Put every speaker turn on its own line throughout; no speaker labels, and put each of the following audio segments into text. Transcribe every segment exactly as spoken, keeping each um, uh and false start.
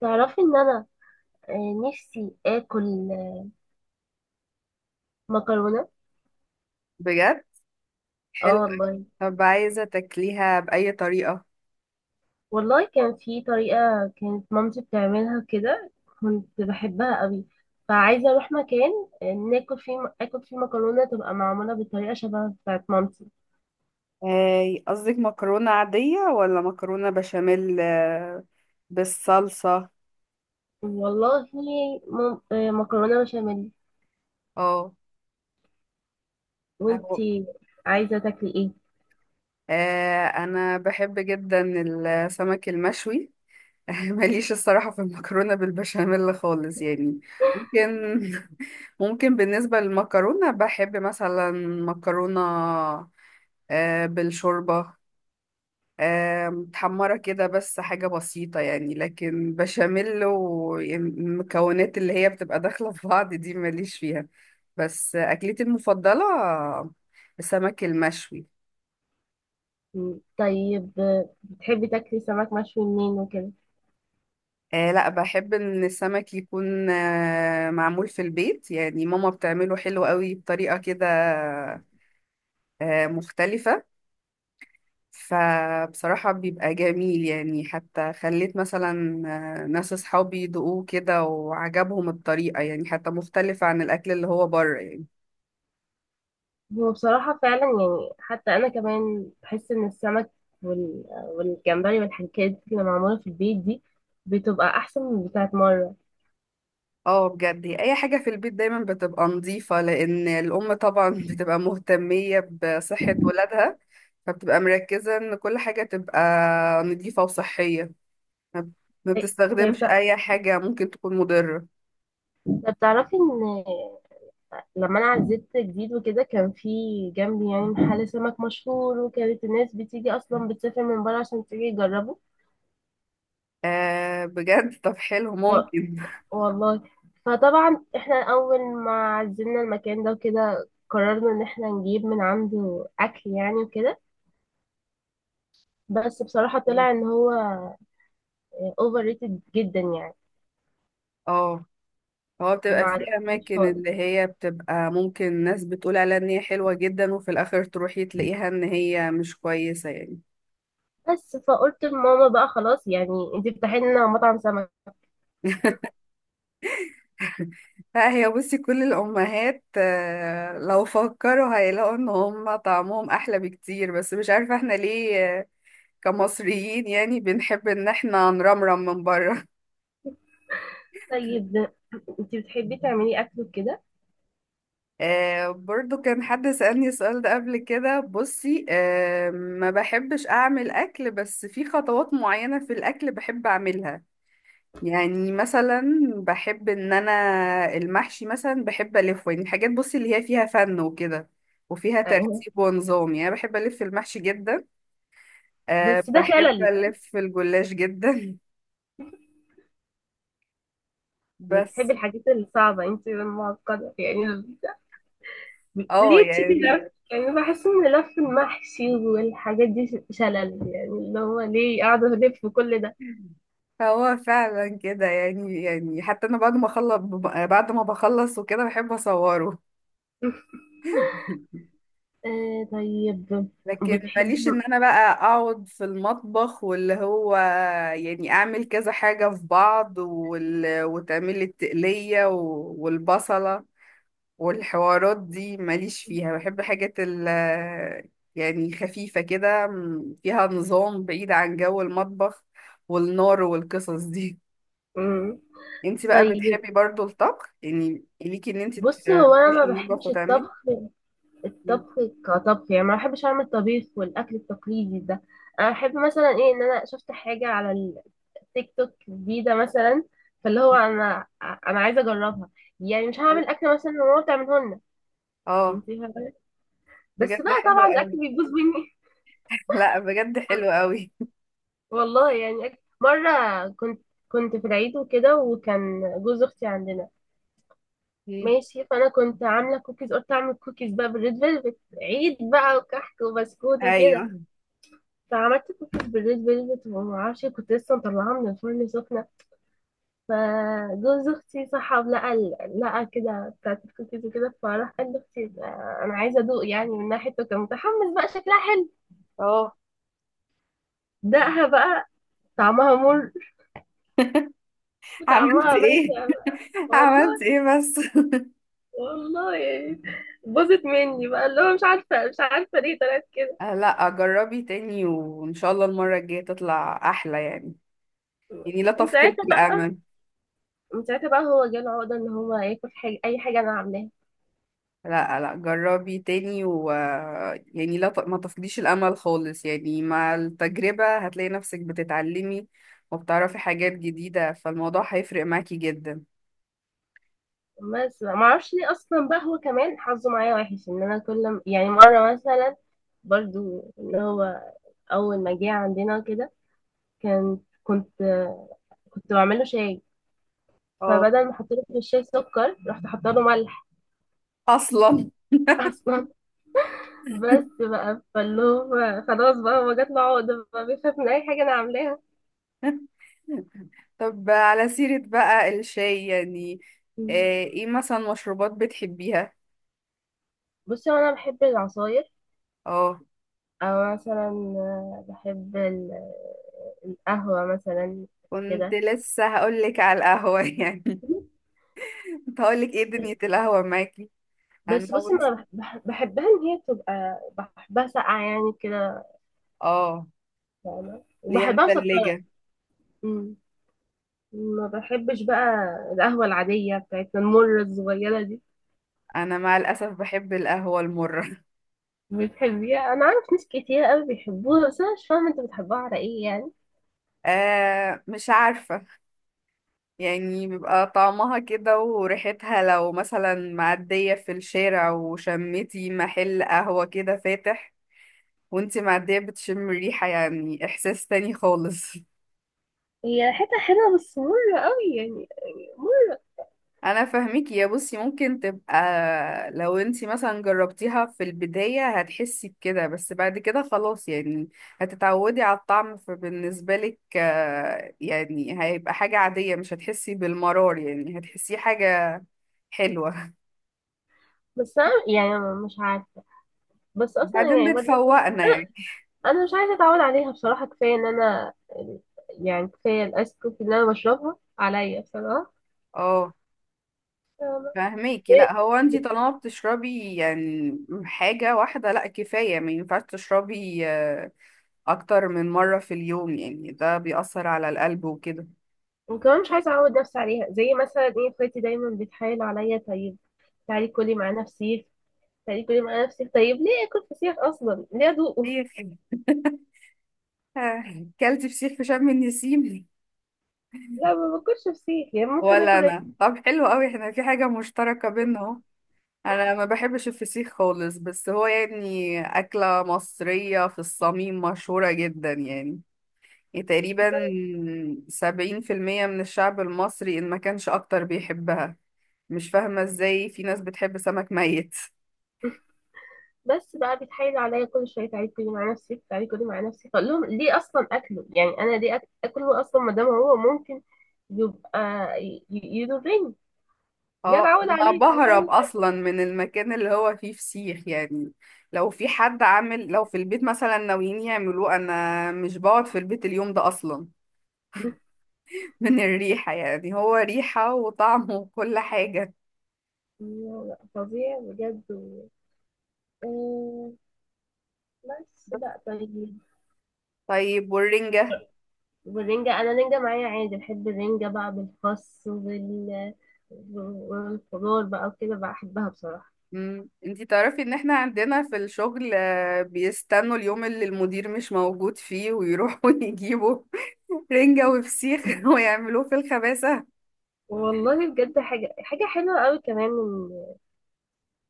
تعرفي ان انا آه، نفسي اكل آه، مكرونه.
بجد
اه
حلو.
والله.
طب عايزة تاكليها بأي طريقة؟
والله كان في طريقه، كانت مامتي بتعملها كده، كنت بحبها قوي، فعايزه اروح مكان آه، ناكل فيه اكل، فيه مكرونه تبقى معموله بطريقه شبه بتاعت مامتي.
آه، قصدك مكرونة عادية ولا مكرونة بشاميل، آه، بالصلصة؟
والله مم- آه، مكرونه بشاميل.
اه. أهو.
وانتي عايزه تاكلي ايه؟
آه، أنا بحب جدا السمك المشوي. ماليش الصراحة في المكرونة بالبشاميل خالص يعني، ممكن. ممكن بالنسبة للمكرونة بحب مثلا مكرونة آه، بالشوربة، آه، متحمرة كده بس حاجة بسيطة يعني، لكن بشاميل والمكونات اللي هي بتبقى داخلة في بعض دي ماليش فيها. بس آه، أكلتي المفضلة السمك المشوي.
مم، طيب، آه، بتحبي تاكلي سمك مشوي منين وكده؟
آه لا، بحب إن السمك يكون آه معمول في البيت يعني، ماما بتعمله حلو قوي بطريقة كده آه مختلفة. فبصراحة بيبقى جميل يعني، حتى خليت مثلا آه، ناس أصحابي يدوقوه كده وعجبهم الطريقة، يعني حتى مختلفة عن الأكل اللي هو بره يعني.
هو بصراحة فعلا يعني، حتى أنا كمان بحس إن السمك وال... والجمبري والحاجات دي اللي معمولة في البيت دي بتبقى أحسن من بتاعة بره.
اه بجد، هي أي حاجة في البيت دايما بتبقى نظيفة، لأن الأم طبعا بتبقى مهتمية بصحة ولادها، فبتبقى مركزة إن كل حاجة تبقى نظيفة وصحية. ما ما
طيب، طيب
بتستخدمش
بتع-
أي حاجة ممكن تكون مضرة.
طب تعرفي إن لما أنا عزلت جديد وكده، كان في جنبي يعني محل سمك مشهور، وكانت الناس بتيجي أصلا بتسافر من بره عشان تيجي يجربه.
آه بجد طب حلو
و...
ممكن.
والله، فطبعا إحنا أول ما عزلنا المكان ده وكده قررنا إن إحنا نجيب من عنده أكل يعني وكده. بس بصراحة طلع ان هو اوفر ريتد جدا يعني.
اه، هو
ما
بتبقى في
عجبنيش
اماكن
خالص.
اللي هي بتبقى، ممكن ناس بتقول عليها ان هي حلوة جدا وفي الاخر تروحي تلاقيها ان هي مش كويسة يعني.
بس فقلت لماما بقى خلاص يعني، انت بتفتحي لنا مطعم سمك.
لا، هي بصي كل الامهات آه، لو فكروا هيلاقوا ان هم طعمهم احلى بكتير، بس مش عارفة احنا ليه آه، كمصريين يعني بنحب ان احنا نرمرم من بره.
طيب، انت بتحبي تعملي اكل كده
آه برضو كان حد سألني السؤال ده قبل كده، بصي آه ما بحبش اعمل اكل، بس في خطوات معينة في الاكل بحب اعملها. يعني مثلا بحب ان انا المحشي مثلا بحب الفه، يعني حاجات بصي اللي هي فيها فن وكده، وفيها
يعني؟
ترتيب ونظام. يعني أنا بحب الف المحشي جدا. أه
بس ده
بحب
شلل يعني.
الف الجلاش جدا.
بتحبي
بس
الحاجات الصعبة انت، المعقدة يعني؟
اه
ليه تشتي
يعني
لف يعني؟ بحس ان لف المحشي والحاجات دي شلل يعني، اللي هو ليه قاعدة الف كل ده؟
هو فعلا كده يعني، يعني حتى انا بعد ما اخلص بعد ما بخلص وكده بحب اصوره.
آه طيب،
لكن ماليش
بتحب.
ان انا بقى اقعد في المطبخ، واللي هو يعني اعمل كذا حاجة في بعض، وال... وتعمل لي التقلية و... والبصلة والحوارات دي ماليش فيها. بحب حاجات ال... يعني خفيفة كده، م- فيها نظام بعيد عن جو المطبخ والنار والقصص دي.
مم.
انتي بقى
طيب،
بتحبي برضو الطبخ، يعني ليكي ان انتي ت-
بصي هو انا
تخشي
ما
المطبخ
بحبش
وتعملي؟
الطبخ. الطبخ كطبخ يعني، ما بحبش اعمل طبيخ والاكل التقليدي ده. انا بحب مثلا ايه، ان انا شفت حاجه على التيك توك جديده مثلا، فاللي هو انا، انا عايزه اجربها. يعني مش هعمل اكل مثلا ماما بتعمله لنا.
اه
انت فاهمه؟ بس
بجد
بقى
حلو
طبعا
قوي.
الاكل بيبوظ مني.
لا بجد حلو قوي.
والله يعني أك- مره كنت كنت في العيد وكده، وكان جوز اختي عندنا.
مم.
ماشي، فانا كنت عامله كوكيز، قلت اعمل كوكيز بقى بالريد فيلفت عيد بقى، وكحك وبسكوت وكده.
ايوه.
عملت كوكيز بالليل بيضة، ومعرفش كنت لسه مطلعاها من الفرن سخنة. فجوز اختي صحى، لقى ال- لقى كده بتاعت الكوكيز وكده، فراح قال لاختي آه، انا عايزة ادوق. يعني من ناحيته كان متحمس بقى، شكلها حلو.
اه،
دقها بقى، طعمها مر،
عملت
طعمها
ايه؟
بشع بقى.
عملت
والله.
ايه بس؟
والله يعني باظت مني بقى، اللي هو مش عارفة مش عارفة ليه طلعت كده.
آه، لا جربي تاني، وان شاء الله المره الجايه تطلع احلى يعني، يعني لا
من
تفقد
ساعتها بقى
الامل.
من ساعتها بقى هو جاله عقدة ان هو ياكل حاجة، اي حاجة انا عاملاها.
لا لا، جربي تاني و يعني لا ت... ما تفقديش الامل خالص يعني، مع التجربه هتلاقي نفسك بتتعلمي وبتعرفي حاجات جديده، فالموضوع هيفرق معاكي جدا.
بس ما اعرفش ليه اصلا بقى، هو كمان حظه معايا وحش ان انا كل م- يعني مره مثلا، برضو اللي هو اول ما جه عندنا كده، كان كنت كنت بعمل له شاي،
اه
فبدل ما احط له في الشاي سكر رحت حاطه له ملح.
اصلا.
اصلا. بس بقى فاللي هو خلاص بقى، هو جات له عقده بقى بيخاف من اي حاجه انا عاملاها.
طب على سيرة بقى الشاي يعني، آه، ايه مثلا مشروبات بتحبيها؟
بصي هو انا بحب العصاير،
اه
او مثلا بحب ال- القهوه مثلا
كنت
كده.
لسه هقولك على القهوة. يعني كنت هقولك ايه دنيا القهوة معاكي. انا
بس بصي ما
بص.
أنا بح- بحبها ان هي تبقى، بحبها ساقعه يعني كده،
اه
فاهمه،
ليا
وبحبها مسكره.
مثلجة.
أمم. ما بحبش بقى القهوه العاديه بتاعتنا المره الصغيره دي.
انا مع الاسف بحب القهوة المرة.
بتحبيها؟ انا عارف ناس كتير قوي بيحبوها، بس انا مش فاهمه انت بتحبوها على ايه يعني.
آه مش عارفة، يعني بيبقى طعمها كده وريحتها، لو مثلا معدية في الشارع وشمتي محل قهوة كده فاتح وانتي معدية بتشم ريحة، يعني احساس تاني خالص.
هي ريحتها حلوه، بس مره قوي يعني، يعني مره.
انا فاهميكي يا بصي، ممكن تبقى لو انتي مثلا جربتيها في البداية هتحسي بكده، بس بعد كده خلاص يعني هتتعودي على الطعم، فبالنسبة لك آه، يعني هيبقى حاجة عادية، مش هتحسي بالمرار يعني هتحسيه حاجة حلوة.
بس انا يعني مش عارفه، بس اصلا يعني
بعدين
برضه
بتفوقنا يعني.
انا مش عايزه اتعود عليها بصراحه. كفايه ان انا يعني، كفايه الايس كوفي اللي انا بشربها عليا بصراحه.
اه فاهميكي، لا هو انتي طالما بتشربي يعني حاجة واحدة لا كفاية، ما ينفعش تشربي آه، اكتر من مرة في اليوم يعني، ده بيأثر على القلب وكده.
وكمان مش عايزة أعود نفسي عليها، زي مثلا إيه، اخواتي دايما بتحايل عليا، طيب تعالي كلي معانا فسيخ، تعالي كلي معانا فسيخ، طيب ليه آكل فسيخ أصلا؟ ليه أدوقه؟
فسيخ. كلت فسيخ في شم النسيم.
لا، ما باكلش فسيخ يعني، ممكن
ولا
آكل رز.
انا. طب حلو قوي، احنا في حاجة مشتركة بينا اهو. انا ما بحبش الفسيخ خالص، بس هو يعني أكلة مصرية في الصميم مشهورة جدا يعني، تقريبا سبعين في المية من الشعب المصري إن ما كانش أكتر بيحبها. مش فاهمة إزاي في ناس بتحب سمك ميت.
بس بقى بيتحايل عليا كل شوية، تعالي كلي معانا فسيخ، تعالي كلي معانا فسيخ، أقول لهم ليه أصلا أكله يعني، أنا ليه آك- أكله أصلا، ما دام هو ممكن يبقى ي- ي- يضرني. بجد
اه
أعود
انا
عليه أنا مش
بهرب
عايزة.
اصلا من المكان اللي هو فيه فسيخ يعني، لو في حد عامل، لو في البيت مثلا ناويين يعملوه انا مش بقعد في البيت اليوم ده اصلا. من الريحة يعني، هو ريحة وطعم وكل حاجة.
لا، لا، فظيع بجد و- آه، بس لا طيب.
طيب والرنجة؟
والرنجة، أنا رنجة معايا عادي، بحب الرنجة بقى بالخس وبال، والخضار بقى وكده، بحبها بصراحة.
مم. انتي تعرفي ان احنا عندنا في الشغل آه، بيستنوا اليوم اللي المدير مش موجود فيه، ويروحوا يجيبوا رنجة وفسيخ ويعملوه في الخباسة.
والله بجد حاجة، حاجة حلوة قوي كمان إن-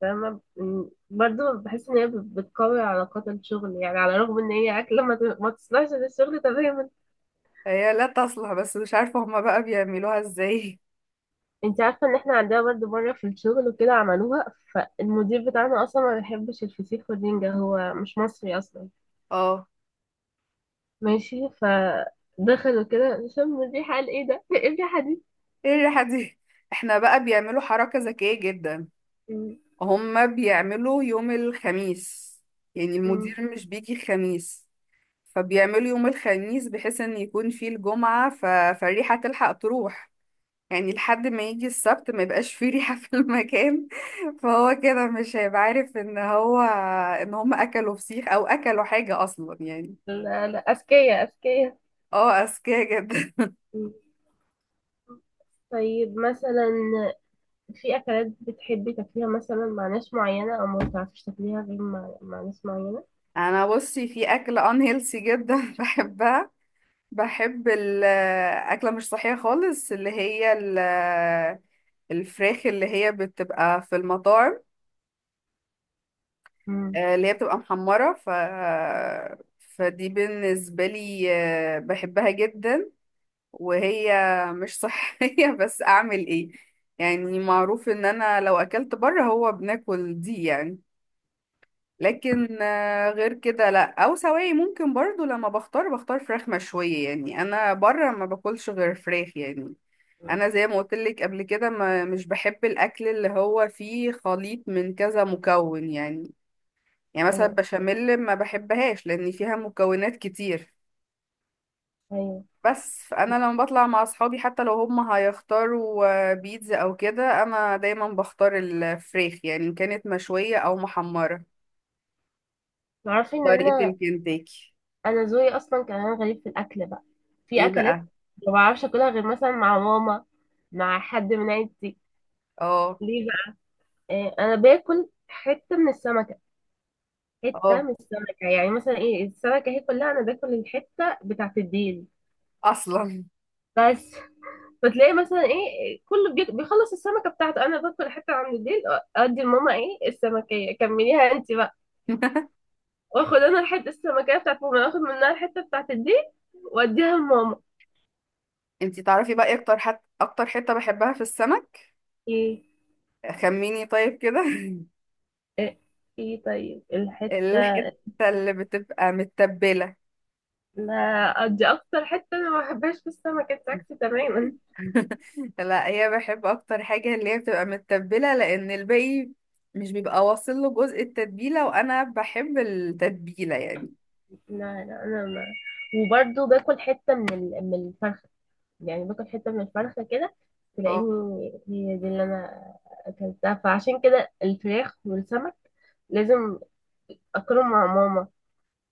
فاهمة إن- برضو بحس إن هي بت- بتقوي علاقات الشغل يعني، على الرغم إن هي أكلة ما ت- ما تصلحش للشغل تماما.
هي لا تصلح، بس مش عارفة هما بقى بيعملوها ازاي.
أنت عارفة إن إحنا عندنا برضو مرة في الشغل وكده عملوها، فالمدير بتاعنا أصلا ما بيحبش الفسيخ والرنجة، هو مش مصري أصلا.
اه،
ماشي ف، دخلوا كده شم الريحة قال ايه ده؟ ايه الريحة دي؟
ايه الريحة دي؟ احنا بقى بيعملوا حركة ذكية جدا.
مم.
هما بيعملوا يوم الخميس، يعني المدير
مم.
مش بيجي الخميس، فبيعملوا يوم الخميس بحيث ان يكون فيه الجمعة، ف... فالريحة تلحق تروح، يعني لحد ما يجي السبت ما يبقاش فيه ريحة في المكان. فهو كده مش هيبقى عارف ان هو ان هما اكلوا فسيخ او اكلوا حاجة اصلا يعني.
لا لا، أذكياء أذكياء.
اه اذكياء جدا.
مم. طيب مثلا، في أكلات بتحبي تاكليها مثلا مع ناس معينة، أو ما بتعرفيش تاكليها غير مع, مع ناس معينة؟
انا بصي في اكل unhealthy جدا بحبها. بحب الأكلة مش صحية خالص، اللي هي ال- الفراخ اللي هي بتبقى في المطاعم،
مم.
آه، اللي هي بتبقى محمرة، ف فدي بالنسبة لي آه، بحبها جدا، وهي مش صحية. بس أعمل إيه؟ يعني معروف إن أنا لو أكلت بره هو بناكل دي يعني. لكن آه، غير كده لا، أو سواي ممكن برضو لما بختار بختار فراخ مشوية، يعني أنا بره ما باكلش غير فراخ يعني.
مم.
انا زي ما قلت لك قبل كده ما مش بحب الاكل اللي هو فيه خليط من كذا مكون يعني، يعني مثلا
أيوه
بشاميل ما بحبهاش لان فيها مكونات كتير.
أيوه.
بس فانا لما بطلع مع اصحابي حتى لو هم هيختاروا آه، بيتزا او كده، انا دايما بختار الفريخ يعني، إن كانت مشوية او محمرة
تعرفي إن
طريقة
أنا،
الكنتاكي.
أنا ذوقي أصلا كمان غريب في الأكل بقى. في
ايه
أكلات
بقى؟
ما بعرفش أكلها غير مثلا مع ماما، مع حد من عيلتي.
اه
ليه بقى؟ آه، أنا باكل حتة من السمك، حته
اه
من السمكه يعني. مثلا ايه، السمكه هي كلها، انا باكل الحته بتاعت الديل.
اصلا.
بس فتلاقي مثلا ايه، كله بيك- بيخلص السمكه بتاعته، انا باكل حته عند الديل، ادي لماما. ايه السمكيه، كمليها انت بقى، واخد انا الحته السمكيه بتاعت ماما، اخد منها الحته بتاعت الديل واديها لماما.
انتي تعرفي بقى إيه اكتر حت... اكتر حتة بحبها في السمك؟
ايه،
خميني طيب كده.
ايه. إيه طيب الحته.
الحتة اللي بتبقى متبلة.
لا دي اكتر حته انا ما بحبهاش في السمكه بتاعتي تماما.
لا، هي بحب اكتر حاجة اللي هي بتبقى متبلة، لان الباقي مش بيبقى واصل له جزء التتبيلة، وانا بحب التتبيلة يعني.
لا لا، انا ما وبرضه باكل حته من ال- من الفرخه، يعني باكل حتة من الفرخة كده،
اه
تلاقيني هي دي اللي أنا أكلتها، فعشان كده الفراخ والسمك لازم أكلهم مع ماما،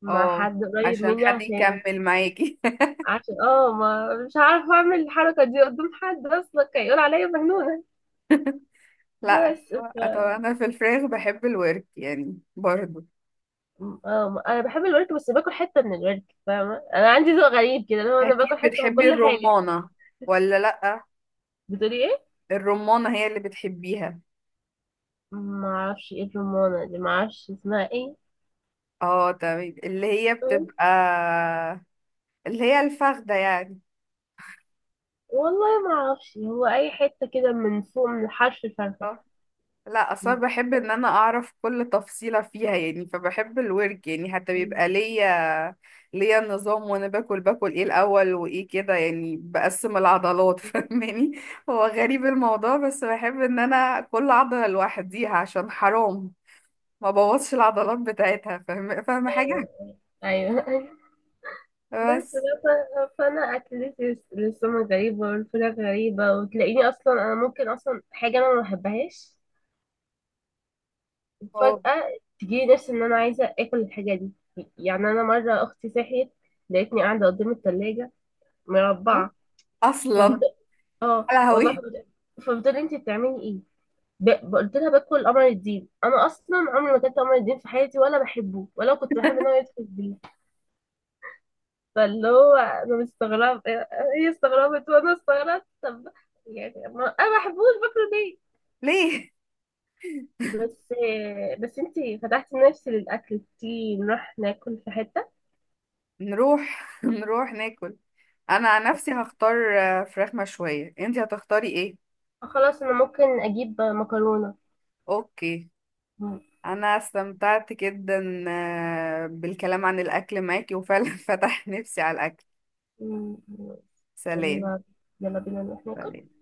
مع
اه،
حد قريب
عشان
مني
حد
عشان،
يكمل معاكي.
عشان اه ما مش عارفة أعمل الحركة دي قدام حد، أصلا هيقول عليا مجنونة.
لا
بس ف...
هو- طبعا انا في الفراخ بحب الورك يعني برضو.
اه أنا بحب الورك، بس باكل حتة من الورك، فاهمة، أنا عندي ذوق غريب كده اللي هو أنا
اكيد
باكل حتة من
بتحبي
كل حاجة.
الرمانة ولا لا؟
بتقولي إيه؟
الرمانة هي اللي بتحبيها.
معرفش إيه الرمانة دي، معرفش اسمها إيه.
اه تمام، اللي هي بتبقى اللي هي الفخدة يعني.
والله ما اعرفش، هو اي حته كده من فوق من الحرف الفرخة.
لا اصلا بحب ان انا اعرف كل تفصيلة فيها يعني، فبحب الورك يعني، حتى بيبقى ليا ليا نظام، وانا باكل باكل ايه الاول وايه كده، يعني بقسم العضلات فاهماني. هو غريب الموضوع، بس بحب ان انا كل عضلة لوحديها، عشان حرام ما بوظش العضلات بتاعتها، فاهم فاهمة حاجة؟
ايوه ايوه. بس
بس
بقى، ف- فانا اكلتي للسمك غريبه والفراخ غريبه، وتلاقيني اصلا انا ممكن اصلا حاجه انا ما بحبهاش
هو
فجاه تجيلي نفسي ان انا عايزه اكل الحاجه دي. يعني انا مره اختي صحيت لقيتني قاعده قدام التلاجة مربعه. فبت...
اصلا
اه
يا
والله
لهوي
فبت... فبتقولي انت بتعملي إيه؟ ب... ب- قلت لها باكل قمر الدين، انا اصلا عمري ما كنت قمر الدين في حياتي ولا بحبه ولا كنت بحب ان هو يدخل بيه. فاللي هو انا مستغربه، هي استغربت وانا استغربت. طب يعني، ما انا ما بحبوش، باكله ليه؟
ليه.
بس بس انتي فتحتي نفسي للاكل، تيجي نروح ناكل في حته.
نروح نروح ناكل. انا عن نفسي هختار آه، فراخ مشوية، انتي هتختاري ايه؟
خلاص انا ممكن اجيب مكرونه.
اوكي.
م-
انا استمتعت جدا آه، بالكلام عن الاكل معاكي، وفعلا فتح نفسي على الاكل.
م-
سلام.
يلا، يلا بينا نروح ناكل.
سلام.